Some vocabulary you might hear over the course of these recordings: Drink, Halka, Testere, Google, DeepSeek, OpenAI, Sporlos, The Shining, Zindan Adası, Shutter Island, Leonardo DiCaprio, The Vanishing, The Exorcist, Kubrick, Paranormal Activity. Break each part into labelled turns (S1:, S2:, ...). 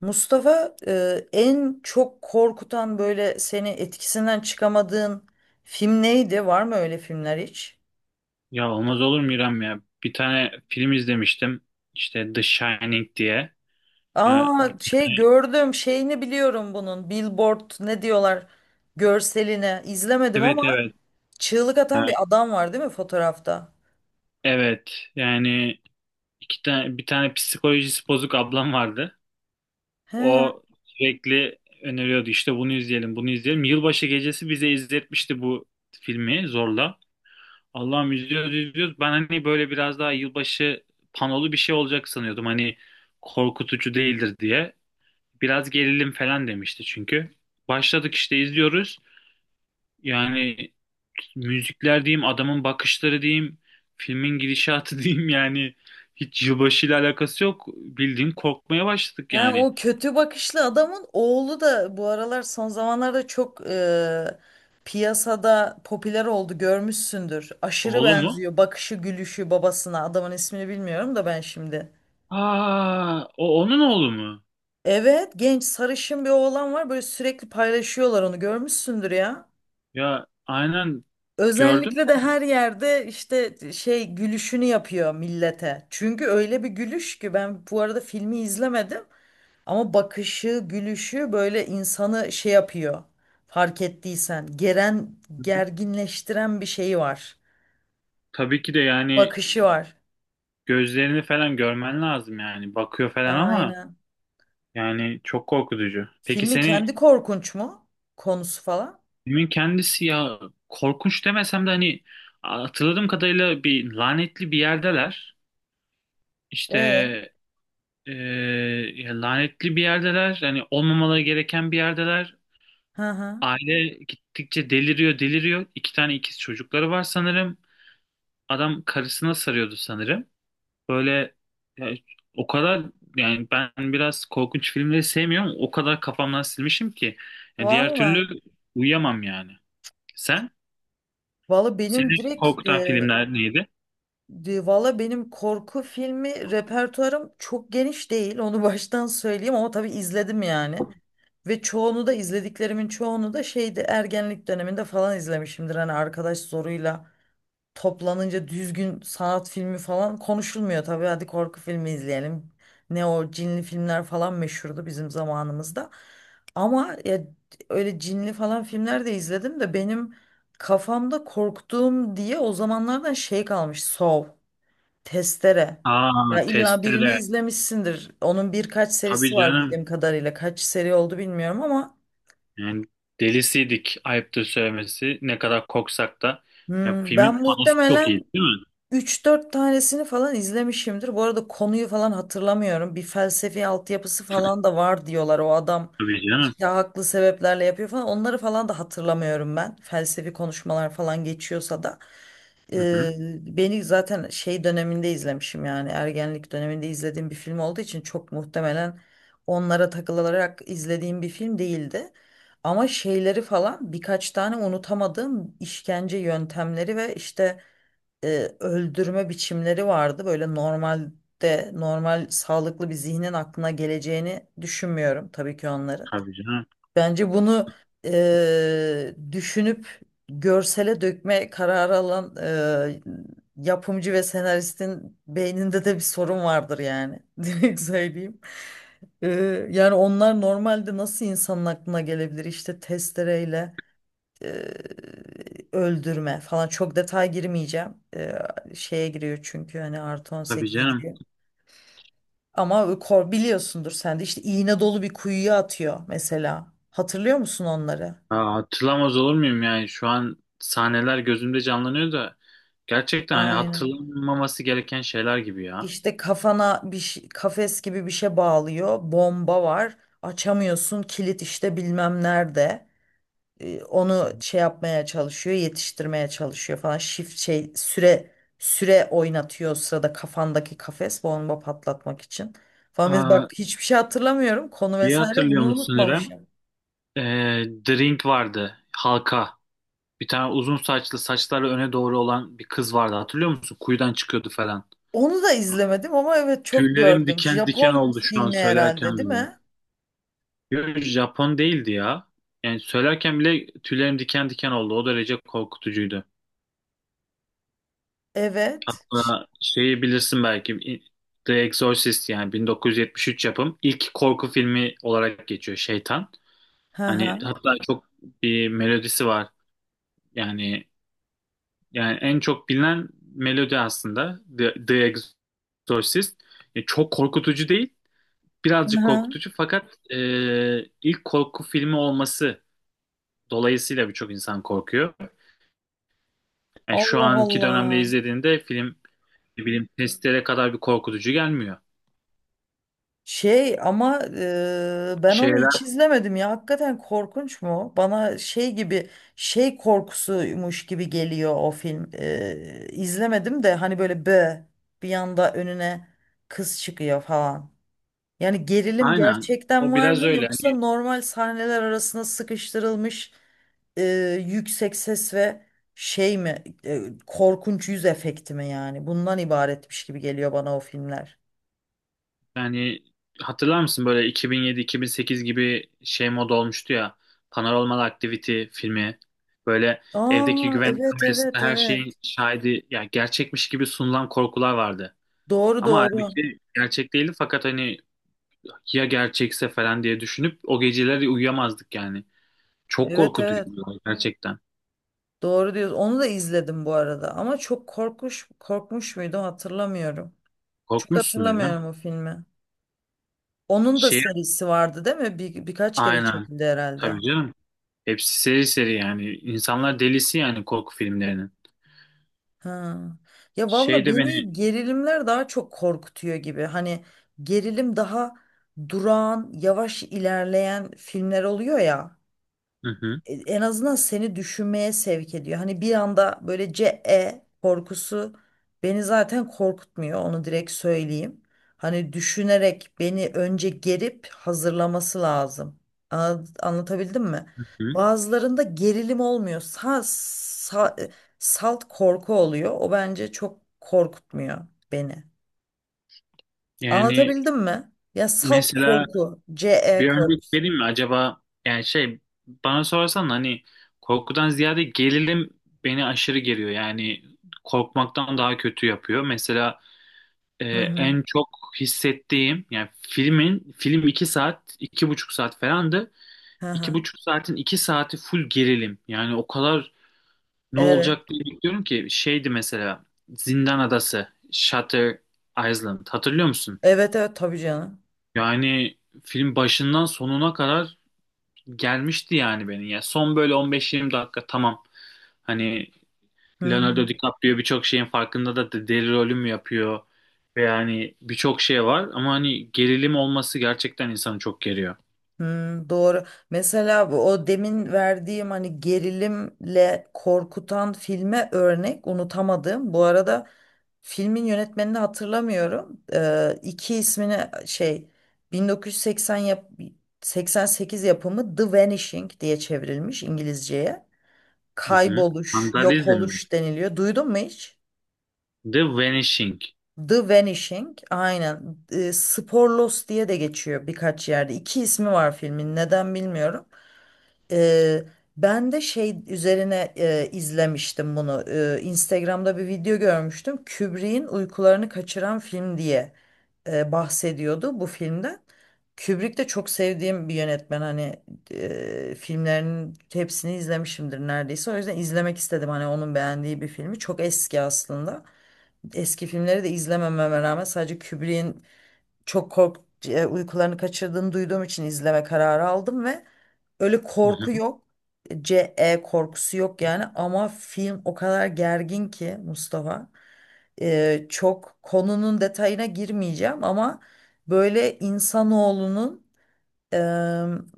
S1: Mustafa, en çok korkutan böyle seni etkisinden çıkamadığın film neydi? Var mı öyle filmler hiç?
S2: Ya olmaz olur mu İrem ya? Bir tane film izlemiştim. İşte The Shining diye. Ya,
S1: Aa, şey gördüm, şeyini biliyorum bunun, billboard ne diyorlar görseline. İzlemedim
S2: evet,
S1: ama
S2: evet.
S1: çığlık atan bir
S2: Ya,
S1: adam var değil mi fotoğrafta?
S2: evet. Yani iki tane bir tane psikolojisi bozuk ablam vardı.
S1: He.
S2: O sürekli öneriyordu, işte bunu izleyelim, bunu izleyelim. Yılbaşı gecesi bize izletmişti bu filmi zorla. Allah'ım, izliyoruz izliyoruz. Ben hani böyle biraz daha yılbaşı panolu bir şey olacak sanıyordum. Hani korkutucu değildir diye. Biraz gerilim falan demişti çünkü. Başladık işte, izliyoruz. Yani müzikler diyeyim, adamın bakışları diyeyim, filmin gidişatı diyeyim, yani hiç yılbaşıyla alakası yok. Bildiğin korkmaya başladık
S1: Ha,
S2: yani.
S1: o kötü bakışlı adamın oğlu da bu aralar, son zamanlarda çok piyasada popüler oldu, görmüşsündür. Aşırı
S2: Oğlu mu?
S1: benziyor bakışı, gülüşü babasına. Adamın ismini bilmiyorum da ben şimdi.
S2: Aa, o onun oğlu mu?
S1: Evet, genç sarışın bir oğlan var böyle, sürekli paylaşıyorlar onu, görmüşsündür ya.
S2: Ya aynen, gördüm.
S1: Özellikle de her yerde işte şey gülüşünü yapıyor millete. Çünkü öyle bir gülüş ki, ben bu arada filmi izlemedim. Ama bakışı, gülüşü böyle insanı şey yapıyor. Fark ettiysen, geren,
S2: De.
S1: gerginleştiren bir şey var.
S2: Tabii ki de, yani
S1: Bakışı var.
S2: gözlerini falan görmen lazım yani. Bakıyor falan ama
S1: Aynen.
S2: yani çok korkutucu. Peki
S1: Filmin
S2: seni
S1: kendi korkunç mu? Konusu falan.
S2: filmin kendisi ya korkunç demesem de hani hatırladığım kadarıyla bir lanetli bir yerdeler. İşte
S1: Ee.
S2: Ee, ya lanetli bir yerdeler. Yani olmamaları gereken bir yerdeler.
S1: Hı hı.
S2: Aile gittikçe deliriyor, deliriyor. İki tane ikiz çocukları var sanırım. Adam karısına sarıyordu sanırım. Böyle ya, o kadar yani ben biraz korkunç filmleri sevmiyorum. O kadar kafamdan silmişim ki. Ya diğer
S1: Valla.
S2: türlü uyuyamam yani. Sen?
S1: Valla benim
S2: Seni
S1: direkt
S2: korkutan
S1: e,
S2: filmler neydi?
S1: De- Valla benim korku filmi repertuarım çok geniş değil. Onu baştan söyleyeyim ama tabii izledim yani. Ve çoğunu da izlediklerimin çoğunu da şeydi, ergenlik döneminde falan izlemişimdir. Hani arkadaş zoruyla toplanınca düzgün sanat filmi falan konuşulmuyor tabii. Hadi korku filmi izleyelim. Ne o cinli filmler falan meşhurdu bizim zamanımızda. Ama ya, öyle cinli falan filmler de izledim de benim kafamda korktuğum diye o zamanlardan şey kalmış. Saw. Testere.
S2: Aa,
S1: Ya illa birini
S2: Testere.
S1: izlemişsindir. Onun birkaç serisi
S2: Tabii
S1: var
S2: canım.
S1: bildiğim kadarıyla. Kaç seri oldu bilmiyorum ama
S2: Yani delisiydik, ayıptır söylemesi. Ne kadar koksak da. Ya,
S1: ben
S2: filmin panosu çok iyi
S1: muhtemelen
S2: değil mi?
S1: üç dört tanesini falan izlemişimdir. Bu arada konuyu falan hatırlamıyorum. Bir felsefi altyapısı falan da var diyorlar. O adam
S2: Tabii canım.
S1: işte haklı sebeplerle yapıyor falan. Onları falan da hatırlamıyorum ben. Felsefi konuşmalar falan geçiyorsa da.
S2: Hı hı.
S1: Ee, Beni zaten şey döneminde izlemişim yani ergenlik döneminde izlediğim bir film olduğu için çok muhtemelen onlara takılarak izlediğim bir film değildi. Ama şeyleri falan birkaç tane unutamadığım işkence yöntemleri ve işte e, öldürme biçimleri vardı. Böyle normalde normal sağlıklı bir zihnin aklına geleceğini düşünmüyorum tabii ki onların.
S2: Tabii canım.
S1: Bence bunu düşünüp görsele dökme kararı alan e, yapımcı ve senaristin beyninde de bir sorun vardır yani. Direkt söyleyeyim. E, Yani onlar normalde nasıl insanın aklına gelebilir, işte testereyle e, öldürme falan, çok detay girmeyeceğim. Şeye giriyor çünkü hani artı on
S2: Tabii
S1: sekize
S2: canım.
S1: giriyor. Ama biliyorsundur sen de işte iğne dolu bir kuyuya atıyor mesela. Hatırlıyor musun onları?
S2: Aa, hatırlamaz olur muyum yani, şu an sahneler gözümde canlanıyor da gerçekten hani
S1: Aynen.
S2: hatırlanmaması gereken şeyler gibi ya.
S1: İşte kafana kafes gibi bir şey bağlıyor. Bomba var. Açamıyorsun. Kilit işte bilmem nerede. Onu şey yapmaya çalışıyor, yetiştirmeye çalışıyor falan. Shift şey süre oynatıyor o sırada kafandaki kafes bomba patlatmak için. Falan biz bak
S2: Aa,
S1: hiçbir şey hatırlamıyorum. Konu
S2: iyi
S1: vesaire
S2: hatırlıyor
S1: bunu
S2: musun İrem?
S1: unutmamışım.
S2: Drink vardı. Halka. Bir tane uzun saçlı, saçları öne doğru olan bir kız vardı. Hatırlıyor musun? Kuyudan çıkıyordu falan.
S1: Onu da izlemedim ama evet çok
S2: Tüylerim
S1: gördüm.
S2: diken diken
S1: Japon
S2: oldu şu an
S1: filmi herhalde
S2: söylerken
S1: değil
S2: bile.
S1: mi?
S2: Yo, Japon değildi ya. Yani söylerken bile tüylerim diken diken oldu. O derece korkutucuydu.
S1: Evet.
S2: Hatta şeyi bilirsin belki, The Exorcist yani 1973 yapım ilk korku filmi olarak geçiyor, Şeytan.
S1: Hı
S2: Hani
S1: hı.
S2: hatta çok bir melodisi var. Yani yani en çok bilinen melodi aslında The Exorcist. Çok korkutucu değil,
S1: Hı
S2: birazcık
S1: hı.
S2: korkutucu, fakat ilk korku filmi olması dolayısıyla birçok insan korkuyor. Yani şu
S1: Allah
S2: anki dönemde
S1: Allah.
S2: izlediğinde film ne bileyim testlere kadar bir korkutucu gelmiyor.
S1: Şey ama ben onu hiç
S2: Şeyler
S1: izlemedim ya. Hakikaten korkunç mu? Bana şey gibi, şey korkusuymuş gibi geliyor o film. İzlemedim de hani böyle bir yanda önüne kız çıkıyor falan. Yani gerilim
S2: aynen,
S1: gerçekten
S2: o
S1: var
S2: biraz
S1: mı,
S2: öyle
S1: yoksa
S2: hani,
S1: normal sahneler arasına sıkıştırılmış yüksek ses ve şey mi, korkunç yüz efekti mi yani? Bundan ibaretmiş gibi geliyor bana o filmler.
S2: yani hatırlar mısın böyle 2007-2008 gibi şey moda olmuştu ya, Paranormal Activity filmi, böyle evdeki
S1: Aa,
S2: güvenlik
S1: evet,
S2: kamerasında
S1: evet,
S2: her şeyin
S1: evet.
S2: şahidi yani, gerçekmiş gibi sunulan korkular vardı.
S1: Doğru,
S2: Ama
S1: doğru.
S2: halbuki gerçek değildi, fakat hani ya gerçekse falan diye düşünüp o geceleri uyuyamazdık yani. Çok
S1: Evet, evet.
S2: korkutucuydu gerçekten.
S1: Doğru diyorsun. Onu da izledim bu arada. Ama çok korkmuş muydu hatırlamıyorum. Çok
S2: Korkmuşsundur canım.
S1: hatırlamıyorum o filmi. Onun da
S2: Şey
S1: serisi vardı değil mi? Birkaç kere
S2: aynen.
S1: çekildi herhalde.
S2: Tabii canım. Hepsi seri seri yani. İnsanlar delisi yani korku filmlerinin.
S1: Ha. Ya
S2: Şey
S1: valla
S2: de beni,
S1: beni gerilimler daha çok korkutuyor gibi. Hani gerilim daha durağan, yavaş ilerleyen filmler oluyor ya.
S2: hı hı,
S1: En azından seni düşünmeye sevk ediyor. Hani bir anda böyle C E korkusu beni zaten korkutmuyor. Onu direkt söyleyeyim. Hani düşünerek beni önce gerip hazırlaması lazım. Anlatabildim mi?
S2: hı.
S1: Bazılarında gerilim olmuyor. Salt korku oluyor. O bence çok korkutmuyor beni.
S2: Yani
S1: Anlatabildim mi? Ya salt
S2: mesela
S1: korku, C E
S2: bir örnek
S1: korkusu.
S2: vereyim mi acaba, yani şey, bana sorarsan hani korkudan ziyade gerilim beni aşırı geriyor. Yani korkmaktan daha kötü yapıyor. Mesela Ee,
S1: Hı hı.
S2: en çok hissettiğim yani, film 2 saat, 2,5 saat falandı.
S1: Hı
S2: İki
S1: hı.
S2: buçuk saatin 2 saati full gerilim. Yani o kadar ne
S1: Evet.
S2: olacak diye bekliyorum ki şeydi mesela Zindan Adası, Shutter Island, hatırlıyor musun?
S1: Evet, evet, tabii canım.
S2: Yani film başından sonuna kadar gelmişti yani beni. Yani son böyle 15-20 dakika tamam. Hani
S1: Hı hı.
S2: Leonardo DiCaprio birçok şeyin farkında da deli rolüm yapıyor. Ve yani birçok şey var ama hani gerilim olması gerçekten insanı çok geriyor.
S1: Hmm, doğru. Mesela o demin verdiğim hani gerilimle korkutan filme örnek, unutamadım. Bu arada filmin yönetmenini hatırlamıyorum. İki ismini şey, 1980 yap 88 yapımı The Vanishing diye çevrilmiş İngilizceye.
S2: Hı hı.
S1: Kayboluş, yok
S2: Vandalizm mi?
S1: oluş deniliyor. Duydun mu hiç?
S2: The Vanishing.
S1: The Vanishing, aynen. Sporlos diye de geçiyor birkaç yerde. İki ismi var filmin. Neden bilmiyorum. Eee, Ben de şey üzerine izlemiştim bunu. Instagram'da bir video görmüştüm. Kubrick'in uykularını kaçıran film diye bahsediyordu bu filmden. Kubrick de çok sevdiğim bir yönetmen. Hani filmlerinin hepsini izlemişimdir neredeyse. O yüzden izlemek istedim. Hani onun beğendiği bir filmi. Çok eski aslında. Eski filmleri de izlemememe rağmen sadece Kubrick'in çok kork uykularını kaçırdığını duyduğum için izleme kararı aldım ve öyle
S2: Hı
S1: korku
S2: hı.
S1: yok. CE korkusu yok yani, ama film o kadar gergin ki Mustafa. Çok konunun detayına girmeyeceğim ama böyle insanoğlunun, e,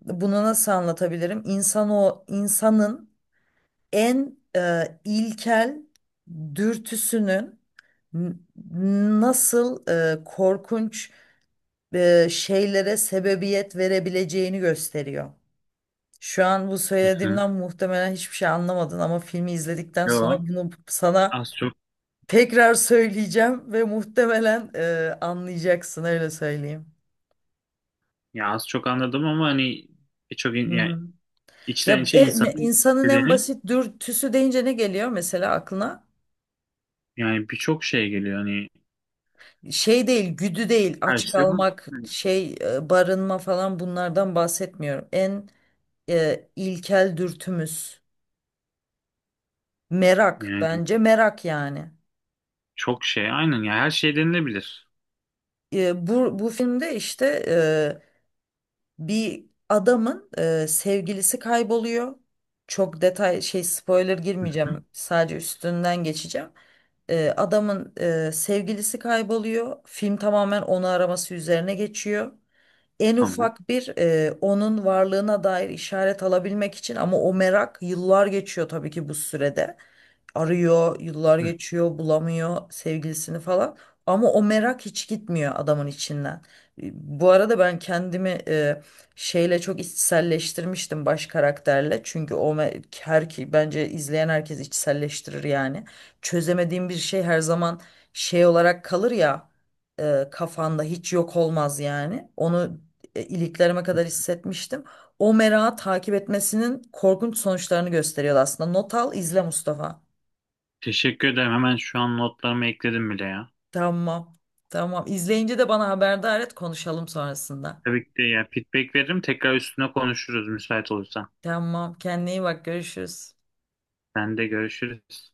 S1: bunu nasıl anlatabilirim? İnsanın en ilkel dürtüsünün n- nasıl korkunç şeylere sebebiyet verebileceğini gösteriyor. Şu an bu
S2: Hı hı.
S1: söylediğimden muhtemelen hiçbir şey anlamadın ama filmi izledikten sonra
S2: Yo,
S1: bunu sana
S2: az çok
S1: tekrar söyleyeceğim ve muhtemelen anlayacaksın, öyle söyleyeyim.
S2: az çok anladım ama hani birçok
S1: Hı
S2: yani
S1: hı.
S2: içten
S1: Ya
S2: içe insanın
S1: insanın en
S2: istediğini,
S1: basit dürtüsü deyince ne geliyor mesela aklına?
S2: yani birçok şey geliyor hani,
S1: Şey değil, güdü değil,
S2: her
S1: aç
S2: şey bu.
S1: kalmak, şey, barınma falan, bunlardan bahsetmiyorum. En ilkel dürtümüz merak,
S2: Yani
S1: bence merak yani.
S2: çok şey aynen, ya her şey denilebilir.
S1: Bu filmde işte bir adamın sevgilisi kayboluyor. Çok detay şey, spoiler
S2: Hı hı.
S1: girmeyeceğim. Sadece üstünden geçeceğim. Adamın sevgilisi kayboluyor. Film tamamen onu araması üzerine geçiyor, en
S2: Tamam.
S1: ufak bir onun varlığına dair işaret alabilmek için, ama o merak. Yıllar geçiyor tabii ki bu sürede. Arıyor, yıllar
S2: Hı.
S1: geçiyor, bulamıyor sevgilisini falan. Ama o merak hiç gitmiyor adamın içinden. E, Bu arada ben kendimi şeyle çok içselleştirmiştim, baş karakterle. Çünkü o me- her ki bence izleyen herkes içselleştirir yani. Çözemediğim bir şey her zaman şey olarak kalır ya, kafanda hiç yok olmaz yani. Onu iliklerime kadar hissetmiştim. O merağı takip etmesinin korkunç sonuçlarını gösteriyor aslında. Not al, izle Mustafa.
S2: Teşekkür ederim. Hemen şu an notlarımı ekledim bile ya.
S1: Tamam. Tamam. İzleyince de bana haberdar et, konuşalım sonrasında.
S2: Tabii ki de, yani feedback veririm. Tekrar üstüne konuşuruz müsait olursan.
S1: Tamam. Kendine iyi bak. Görüşürüz.
S2: Sen de görüşürüz.